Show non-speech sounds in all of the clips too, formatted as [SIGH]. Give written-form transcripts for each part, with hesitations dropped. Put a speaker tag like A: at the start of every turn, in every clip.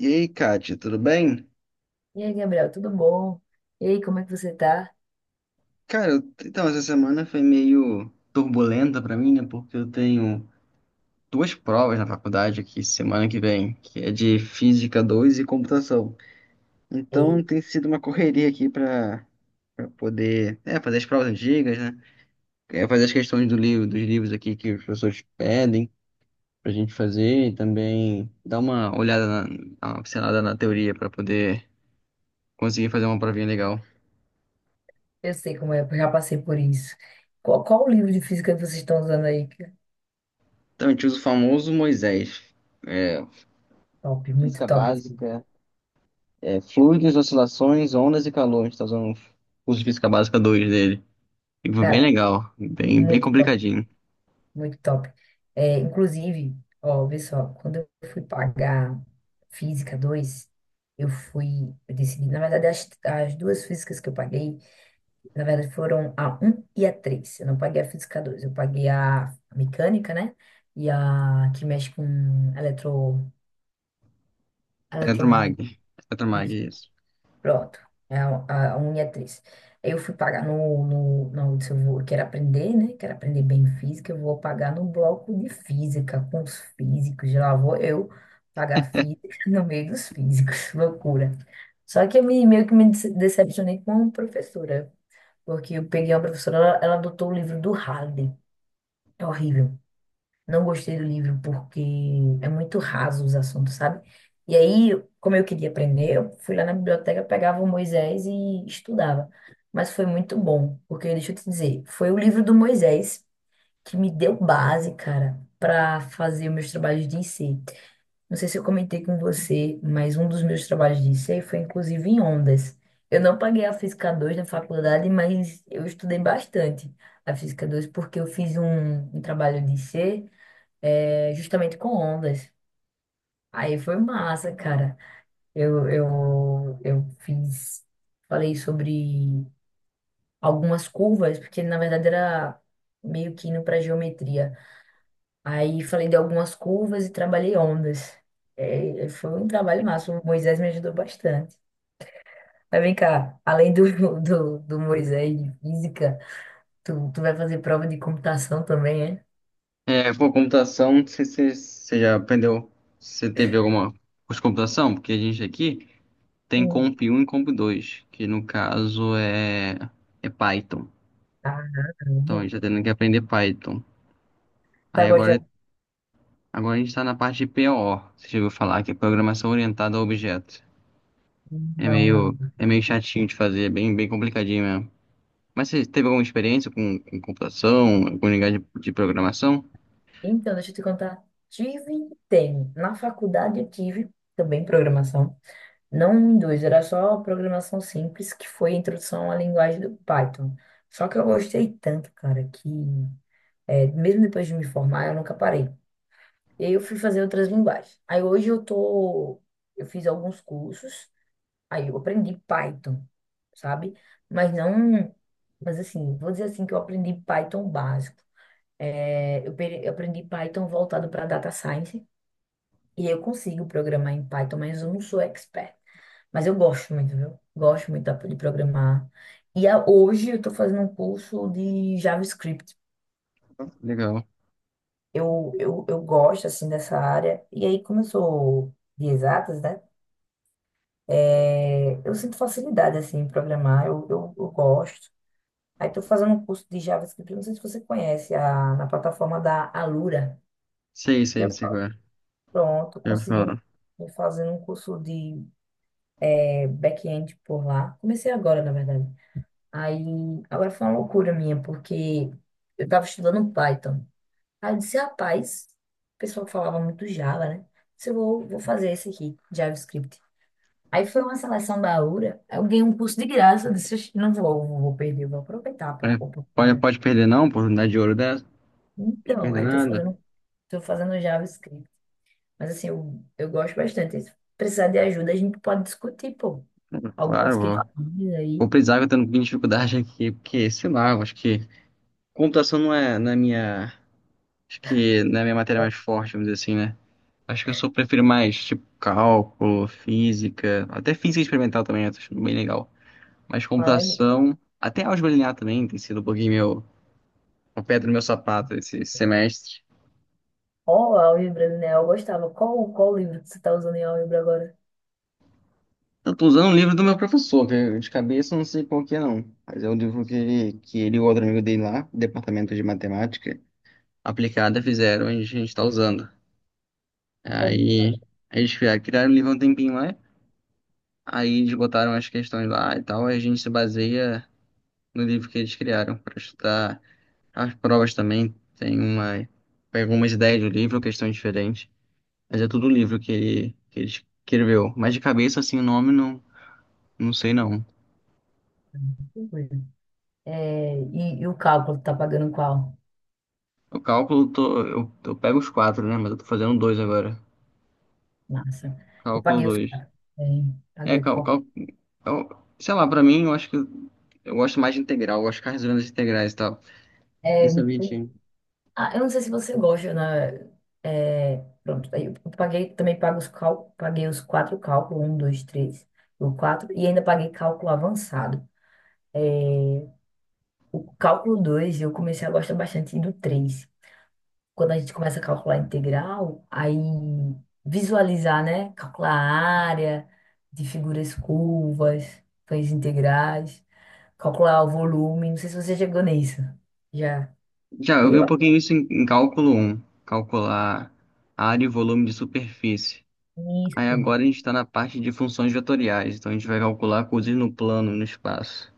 A: E aí, Kátia, tudo bem?
B: E aí, Gabriel, tudo bom? E aí, como é que você tá?
A: Cara, então essa semana foi meio turbulenta pra mim, né? Porque eu tenho duas provas na faculdade aqui semana que vem, que é de Física 2 e Computação. Então tem sido uma correria aqui pra poder, fazer as provas antigas, né? Fazer as questões do livro, dos livros aqui que os professores pedem pra gente fazer e também dar uma pincelada na teoria pra poder conseguir fazer uma provinha legal.
B: Eu sei como é, eu já passei por isso. Qual o livro de física que vocês estão usando aí, cara?
A: Então a gente usa o famoso Moisés. É,
B: Top, muito
A: Física
B: top, esse livro.
A: básica, fluidos, oscilações, ondas e calores. Tá usando o curso de física básica 2 dele. E foi bem
B: Cara,
A: legal, bem, bem
B: muito top,
A: complicadinho.
B: muito top. É, inclusive, ó, vê só, quando eu fui pagar Física 2, eu decidi, na verdade, as duas físicas que eu paguei, na verdade, foram a um e a 3. Eu não paguei a Física 2, eu paguei a mecânica, né? E a que mexe com eletro,
A: Eletromag.
B: eletromagnetismo.
A: Eletromag,
B: Isso,
A: isso.
B: pronto. É a unha é três. Eu fui pagar no se eu vou, eu quero aprender, né? Quero aprender bem física, eu vou pagar no bloco de física, com os físicos. Lá vou eu pagar física [LAUGHS] no meio dos físicos. [LAUGHS] Loucura. Só que meio que me decepcionei com a professora, porque eu peguei uma professora, ela adotou o livro do Halliday. É horrível. Não gostei do livro porque é muito raso os assuntos, sabe? E aí, como eu queria aprender, eu fui lá na biblioteca, pegava o Moisés e estudava. Mas foi muito bom, porque deixa eu te dizer, foi o livro do Moisés que me deu base, cara, para fazer meus trabalhos de IC. Não sei se eu comentei com você, mas um dos meus trabalhos de IC foi inclusive em ondas. Eu não paguei a Física 2 na faculdade, mas eu estudei bastante a Física 2 porque eu fiz um trabalho de IC, é, justamente com ondas. Aí foi massa, cara. Eu falei sobre algumas curvas, porque na verdade era meio que indo para geometria. Aí falei de algumas curvas e trabalhei ondas. É, foi um trabalho massa. O Moisés me ajudou bastante. Mas vem cá, além [LAUGHS] do Moisés de física, tu vai fazer prova de computação também, é?
A: É, pô, computação, não sei se você já aprendeu, se você teve alguma curso de computação, porque a gente aqui tem
B: Sim.
A: Comp um e Comp 2, que no caso é Python.
B: Ah,
A: Então a
B: não.
A: gente tá tendo que aprender Python.
B: Tá
A: Aí agora,
B: gostando?
A: agora a gente tá na parte de PO, você já ouviu falar, que é Programação Orientada a Objetos. É
B: Não, não.
A: meio, é meio chatinho de fazer, é bem, bem complicadinho mesmo. Mas você teve alguma experiência com computação, com linguagem de programação?
B: Então, deixa eu te contar. Tive, tem. Na faculdade eu tive também programação. Não em dois, era só programação simples, que foi a introdução à linguagem do Python. Só que eu gostei tanto, cara, que é, mesmo depois de me formar, eu nunca parei. E aí eu fui fazer outras linguagens. Aí hoje eu tô. Eu fiz alguns cursos, aí eu aprendi Python, sabe? Mas não. Mas assim, vou dizer assim que eu aprendi Python básico. É, eu aprendi Python voltado para data science e eu consigo programar em Python, mas eu não sou expert. Mas eu gosto muito, viu? Gosto muito de programar. E hoje eu estou fazendo um curso de JavaScript.
A: Legal.
B: Eu gosto, assim, dessa área. E aí, como eu sou de exatas, né? É, eu sinto facilidade, assim, em programar. Eu gosto. Aí estou fazendo um curso de JavaScript. Não sei se você conhece, na plataforma da Alura.
A: Sei, sei, sei qual é.
B: Pronto,
A: Eu
B: consegui um,
A: falo.
B: tô fazendo um curso de back-end por lá. Comecei agora, na verdade. Aí, agora foi uma loucura minha, porque eu tava estudando Python. Aí eu disse, rapaz, o pessoal falava muito Java, né? Disse, eu vou fazer esse aqui, JavaScript. Aí foi uma seleção da URA, aí eu ganhei um curso de graça. Eu disse, "Oxe, não vou, não vou perder, eu vou aproveitar a
A: É, pode,
B: oportunidade."
A: pode perder não, oportunidade de ouro dessa. Pode
B: Então,
A: perder
B: aí
A: nada.
B: tô fazendo JavaScript. Mas assim, eu gosto bastante. Se precisar de ajuda, a gente pode discutir, pô, algumas
A: Claro, vou,
B: questões
A: vou
B: aí.
A: precisar, que eu tô tendo dificuldade aqui, porque, sei lá, eu acho que computação não é na minha, acho que não é a minha matéria mais forte, vamos dizer assim, né? Acho que eu sou, prefiro mais, tipo, cálculo, física, até física experimental também, eu tô achando bem legal. Mas
B: Fala aí.
A: computação, até álgebra linear também tem sido um pouquinho meu, uma pedra no meu sapato esse semestre.
B: Qual é o livro, né? Eu gostava. Qual o livro que você está usando em livro agora?
A: Eu tô usando um livro do meu professor, que de cabeça eu não sei qual que é não, mas é um livro que ele e o outro amigo dele lá, do Departamento de Matemática Aplicada, fizeram e a gente tá usando.
B: Qual?
A: Aí eles criaram o livro há um tempinho lá, aí eles botaram as questões lá e tal, aí a gente se baseia no livro que eles criaram para estudar as provas também, tem uma, pega algumas ideias do livro, questões diferentes. Mas é tudo livro que ele escreveu. Mas de cabeça, assim, o nome não, não sei não.
B: É, e o cálculo, tá pagando qual?
A: O cálculo, eu pego os quatro, né? Mas eu tô fazendo dois agora.
B: Massa. Eu
A: Cálculo
B: paguei os
A: dois.
B: caras. É,
A: É,
B: paguei o
A: cal,
B: cálculo.
A: eu- sei lá, pra mim, eu acho que eu gosto mais de integral. Eu gosto de ficar resolvendo as integrais e tal.
B: É,
A: Isso é bonitinho.
B: ah, eu não sei se você gosta, né? É, pronto, aí eu paguei, também paguei os quatro cálculos, um, dois, três, o quatro, e ainda paguei cálculo avançado. O cálculo 2 eu comecei a gostar bastante do três. Quando a gente começa a calcular integral, aí visualizar, né? Calcular a área de figuras curvas, feitas integrais, calcular o volume. Não sei se você chegou nisso. Já.
A: Já, eu vi
B: Eu.
A: um pouquinho isso em cálculo um. Calcular área e volume de superfície. Aí
B: Isso.
A: agora a gente está na parte de funções vetoriais. Então a gente vai calcular coisas no plano, no espaço.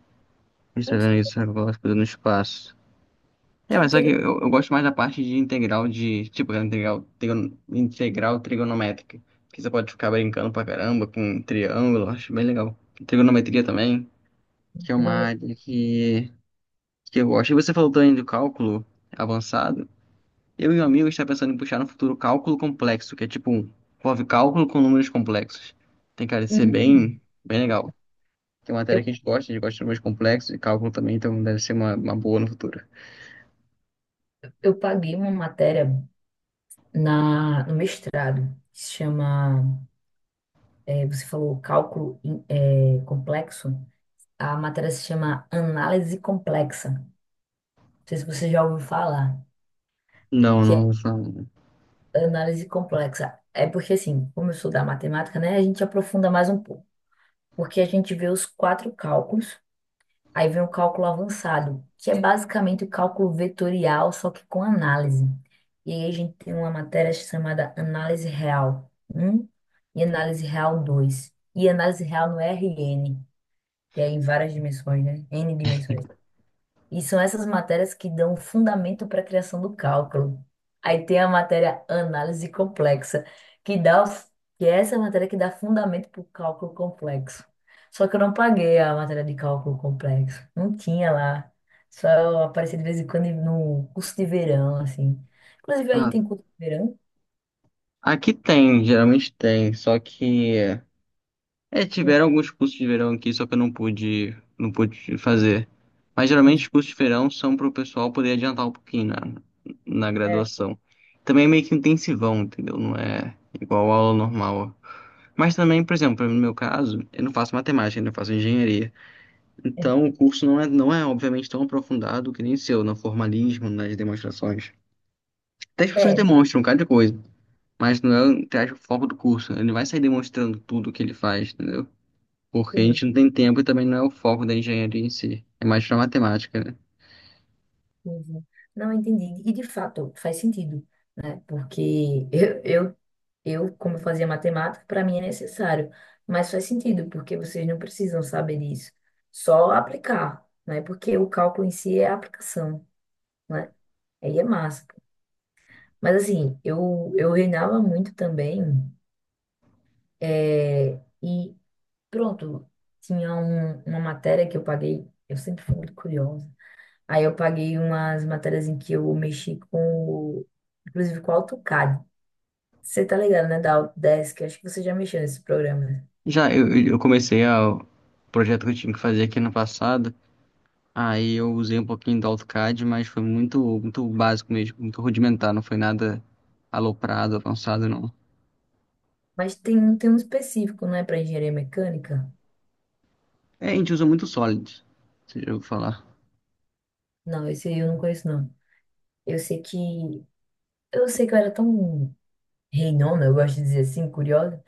A: A gente tá
B: Ai,
A: vendo
B: Que
A: isso agora, coisas no espaço. É,
B: que
A: mas só que eu gosto mais da parte de integral de, tipo, integral trigonométrica. Que você pode ficar brincando pra caramba com triângulo, acho bem legal. Trigonometria também, que é uma
B: interessante.
A: área que eu gosto. E você falou também do cálculo avançado. Eu e um amigo está pensando em puxar no futuro cálculo complexo, que é tipo, envolve cálculo com números complexos. Tem cara de ser
B: Hum,
A: bem, bem legal. Que é uma matéria
B: eu,
A: que a gente gosta de números complexos e cálculo também, então deve ser uma, boa no futuro.
B: eu paguei uma matéria no mestrado, que se chama, é, você falou cálculo complexo. A matéria se chama Análise Complexa. Não sei se você já ouviu falar,
A: Não,
B: que
A: não,
B: é
A: não.
B: análise complexa. É porque, assim, como eu sou da matemática, né, a gente aprofunda mais um pouco. Porque a gente vê os quatro cálculos, aí vem o cálculo avançado, que é basicamente o cálculo vetorial, só que com análise. E aí a gente tem uma matéria chamada Análise Real um e Análise Real dois. E análise real no RN, que é em várias dimensões, né? N dimensões. E são essas matérias que dão fundamento para a criação do cálculo. Aí tem a matéria análise complexa, que dá, o- que é essa matéria que dá fundamento para o cálculo complexo. Só que eu não paguei a matéria de cálculo complexo. Não tinha lá. Só aparecia de vez em quando no curso de verão, assim. Inclusive, aí
A: Ah,
B: tem curso de verão,
A: aqui tem, geralmente tem, só que
B: né?
A: tiveram alguns cursos de verão aqui, só que eu não pude, não pude fazer. Mas geralmente os cursos de verão são para o pessoal poder adiantar um pouquinho na
B: É,
A: graduação. Também é meio que intensivão, entendeu? Não é igual a aula normal. Mas também, por exemplo, no meu caso, eu não faço matemática, eu faço engenharia.
B: é,
A: Então o
B: [LAUGHS]
A: curso não é, não é obviamente tão aprofundado que nem o seu, no formalismo, nas demonstrações. Até as pessoas
B: é,
A: demonstram cada coisa, mas não é, entre aspas, o foco do curso. Ele não vai sair demonstrando tudo o que ele faz, entendeu? Porque a
B: entendi.
A: gente não tem tempo e também não é o foco da engenharia em si. É mais pra matemática, né?
B: Entendi. Não entendi. E de fato, faz sentido. Porque eu como eu fazia matemática, para mim é necessário, mas faz sentido, porque vocês não precisam saber disso, só aplicar, né? Porque o cálculo em si é a aplicação, né? Aí é massa. Mas assim, eu reinava muito também, é, e pronto, tinha uma matéria que eu paguei, eu sempre fui muito curiosa, aí eu paguei umas matérias em que eu mexi o- inclusive com o AutoCAD. Você tá ligado, né, da Autodesk? Acho que você já mexeu nesse programa, né?
A: Já eu, eu comecei o projeto que eu tive que fazer aqui no passado. Aí eu usei um pouquinho do AutoCAD, mas foi muito, muito básico mesmo, muito rudimentar, não foi nada aloprado, avançado, não.
B: Mas tem um específico, não é para engenharia mecânica?
A: É, a gente usa muito Solid, se eu falar.
B: Não, esse aí eu não conheço, não. Eu sei que... Eu sei que eu era tão reinona, eu gosto de dizer assim, curiosa.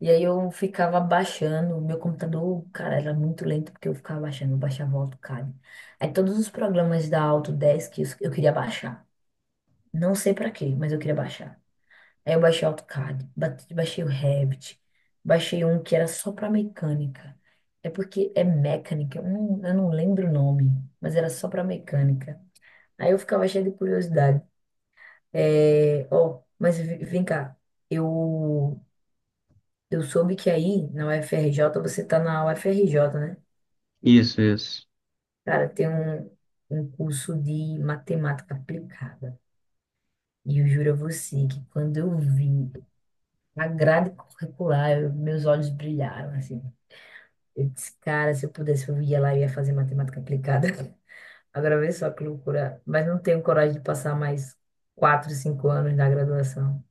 B: E aí eu ficava baixando. O meu computador, cara, era muito lento porque eu ficava baixando. Eu baixava o AutoCAD. Aí todos os programas da Autodesk eu queria baixar. Não sei para quê, mas eu queria baixar. Aí eu baixei o AutoCAD, baixei o Revit, baixei um que era só para mecânica. É porque é mecânica, eu não lembro o nome, mas era só para mecânica. Aí eu ficava cheio de curiosidade. É, ó, mas vem cá, eu, eu soube que aí na UFRJ, você tá na UFRJ, né?
A: Isso, isso.
B: Cara, tem um curso de matemática aplicada. E eu juro a você que quando eu vi a grade curricular, meus olhos brilharam, assim. Eu disse, cara, se eu pudesse, eu ia lá e ia fazer matemática aplicada. [LAUGHS] Agora vê só que loucura. Mas não tenho coragem de passar mais 4, 5 anos na graduação.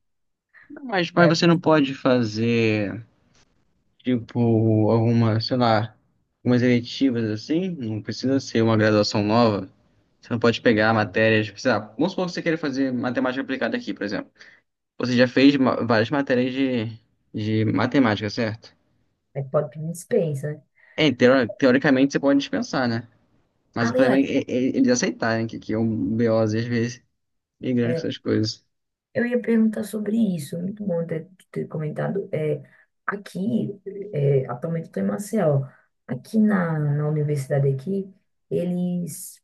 A: Mas
B: É,
A: você não pode fazer? Tipo, algumas sei lá, algumas eletivas assim, não precisa ser uma graduação nova. Você não pode pegar matérias, tipo, sei lá, vamos supor que você queira fazer matemática aplicada aqui, por exemplo. Você já fez várias matérias de matemática, certo?
B: é, pode pedir dispensa, né?
A: É, teoricamente você pode dispensar, né? Mas o problema
B: Aliás,
A: é, é eles aceitarem que é um BOzinho, às vezes, migrando com
B: é,
A: essas coisas.
B: eu ia perguntar sobre isso. Muito bom ter comentado. É, aqui, é, atualmente eu estou em Maceió. Aqui na universidade aqui, eles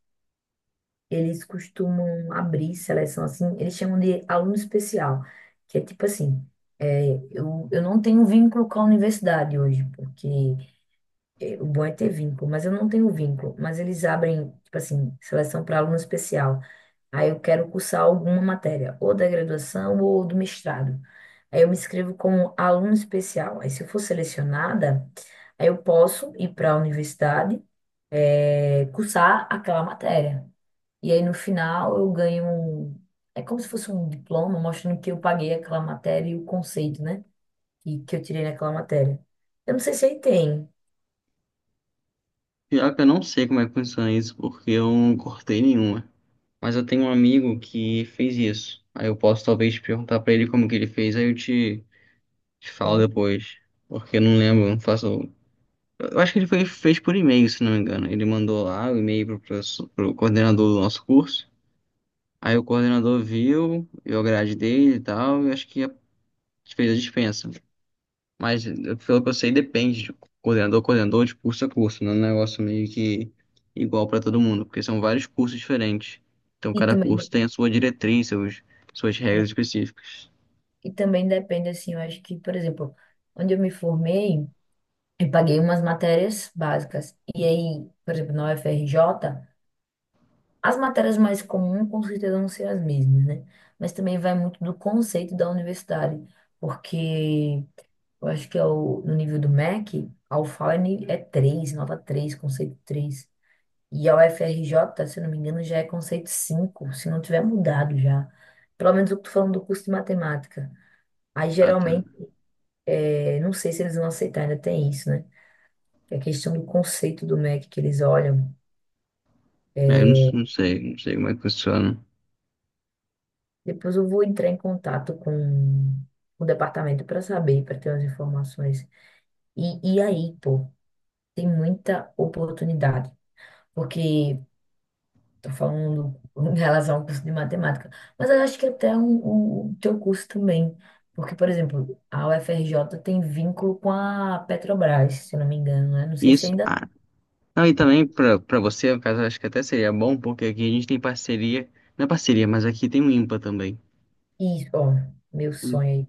B: eles costumam abrir seleção assim, eles chamam de aluno especial, que é tipo assim, é, eu não tenho vínculo com a universidade hoje, porque é, o bom é ter vínculo, mas eu não tenho vínculo, mas eles abrem, tipo assim, seleção para aluno especial. Aí eu quero cursar alguma matéria, ou da graduação ou do mestrado. Aí eu me inscrevo como aluno especial. Aí se eu for selecionada, aí eu posso ir para a universidade, é, cursar aquela matéria. E aí no final eu ganho um. É como se fosse um diploma mostrando que eu paguei aquela matéria e o conceito, né? E que eu tirei naquela matéria. Eu não sei se aí tem.
A: Pior que eu não sei como é que funciona isso, porque eu não cortei nenhuma. Mas eu tenho um amigo que fez isso. Aí eu posso talvez te perguntar pra ele como que ele fez, aí eu te falo
B: Então,
A: depois. Porque eu não lembro, não faço. Eu acho que ele foi, fez por e-mail, se não me engano. Ele mandou lá o e-mail pro, pro coordenador do nosso curso. Aí o coordenador viu, a grade dele e tal, e acho que fez a dispensa. Mas pelo que eu sei, depende de coordenador, a coordenador, de curso a curso. Não é um negócio meio que igual para todo mundo, porque são vários cursos diferentes. Então
B: e
A: cada
B: também, de-
A: curso tem a sua diretriz, seus, suas
B: é,
A: regras específicas.
B: e também depende, assim, eu acho que, por exemplo, onde eu me formei, eu paguei umas matérias básicas. E aí, por exemplo, na UFRJ, as matérias mais comuns com certeza vão ser as mesmas, né? Mas também vai muito do conceito da universidade, porque eu acho que é no nível do MEC, a UFAL é é 3 nota 3 conceito três. E a UFRJ, se eu não me engano, já é conceito 5 se não tiver mudado já. Pelo menos eu tô falando do curso de matemática. Aí,
A: Ah, tá.
B: geralmente, é, não sei se eles vão aceitar, ainda tem isso, né? Que é a questão do conceito do MEC que eles olham.
A: É, eu não, não sei, não sei como é que funciona.
B: Depois eu vou entrar em contato com o departamento para saber, para ter as informações. E, e aí, pô, tem muita oportunidade. Porque estou falando em relação ao curso de matemática, mas eu acho que até o teu curso também, porque, por exemplo, a UFRJ tem vínculo com a Petrobras, se eu não me engano, né? Não sei se
A: Isso.
B: ainda...
A: Ah, não, e também para você, no caso, acho que até seria bom, porque aqui a gente tem parceria. Não é parceria, mas aqui tem o IMPA também.
B: Isso, ó, meu
A: Hum.
B: sonho aí.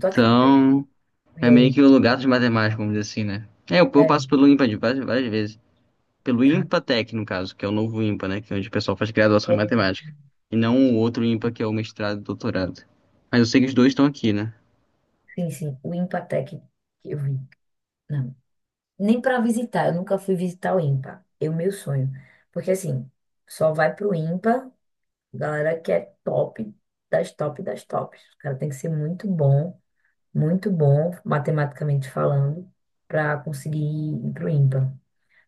B: Tu acredita que eu
A: é
B: ia ao
A: meio que
B: IMPA?
A: o lugar dos matemáticos, vamos dizer assim, né? É, eu
B: É,
A: passo pelo IMPA de várias, várias vezes. Pelo
B: cara,
A: IMPATEC, no caso, que é o novo IMPA, né? Que é onde o pessoal faz graduação em
B: é,
A: matemática. E não o outro IMPA, que é o mestrado e doutorado. Mas eu sei que os dois estão aqui, né?
B: sim, sim, o IMPATEC que eu vi. Não, nem para visitar, eu nunca fui visitar o IMPA, é o meu sonho. Porque, assim, só vai pro IMPA, galera que é top das tops. O cara tem que ser muito bom, matematicamente falando, para conseguir ir para o IMPA,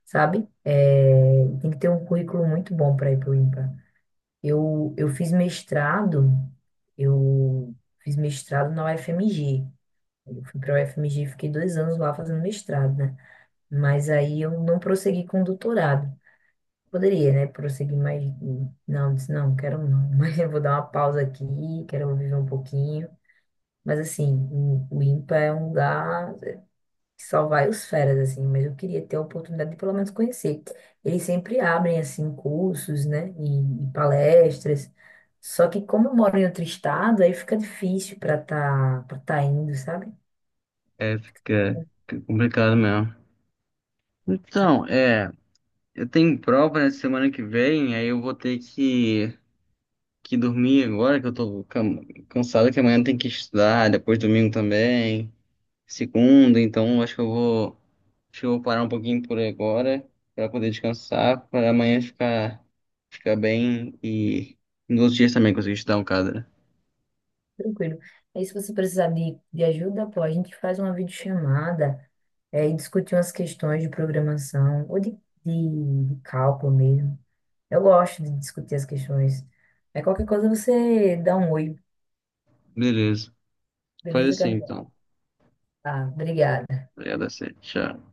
B: sabe? É, tem que ter um currículo muito bom para ir para o IMPA. Eu fiz mestrado, eu fiz mestrado na UFMG. Eu fui para a UFMG, e fiquei 2 anos lá fazendo mestrado, né? Mas aí eu não prossegui com o doutorado. Poderia, né? Prosseguir, mas não, disse, não, quero não. [LAUGHS] Mas eu vou dar uma pausa aqui, quero viver um pouquinho. Mas assim, o IMPA é um lugar que só vai os feras, assim, mas eu queria ter a oportunidade de pelo menos conhecer. Eles sempre abrem, assim, cursos, né, e palestras. Só que como eu moro em outro estado, aí fica difícil para tá indo, sabe?
A: É, fica,
B: É.
A: fica complicado mesmo. Então, eu tenho prova na semana que vem, aí eu vou ter que dormir agora, que eu tô cansado, que amanhã tem que estudar, depois domingo também. Segunda, então acho que eu vou parar um pouquinho por agora para poder descansar, para amanhã ficar bem e nos outros dias também conseguir estudar um cadra.
B: Tranquilo. Aí se você precisar de ajuda, pô, a gente faz uma videochamada, e discute umas questões de programação ou de cálculo mesmo. Eu gosto de discutir as questões. É qualquer coisa você dá um oi,
A: Beleza. Faz
B: beleza,
A: assim
B: Gabriel?
A: então.
B: Ah, obrigada.
A: Obrigado a você. Tchau.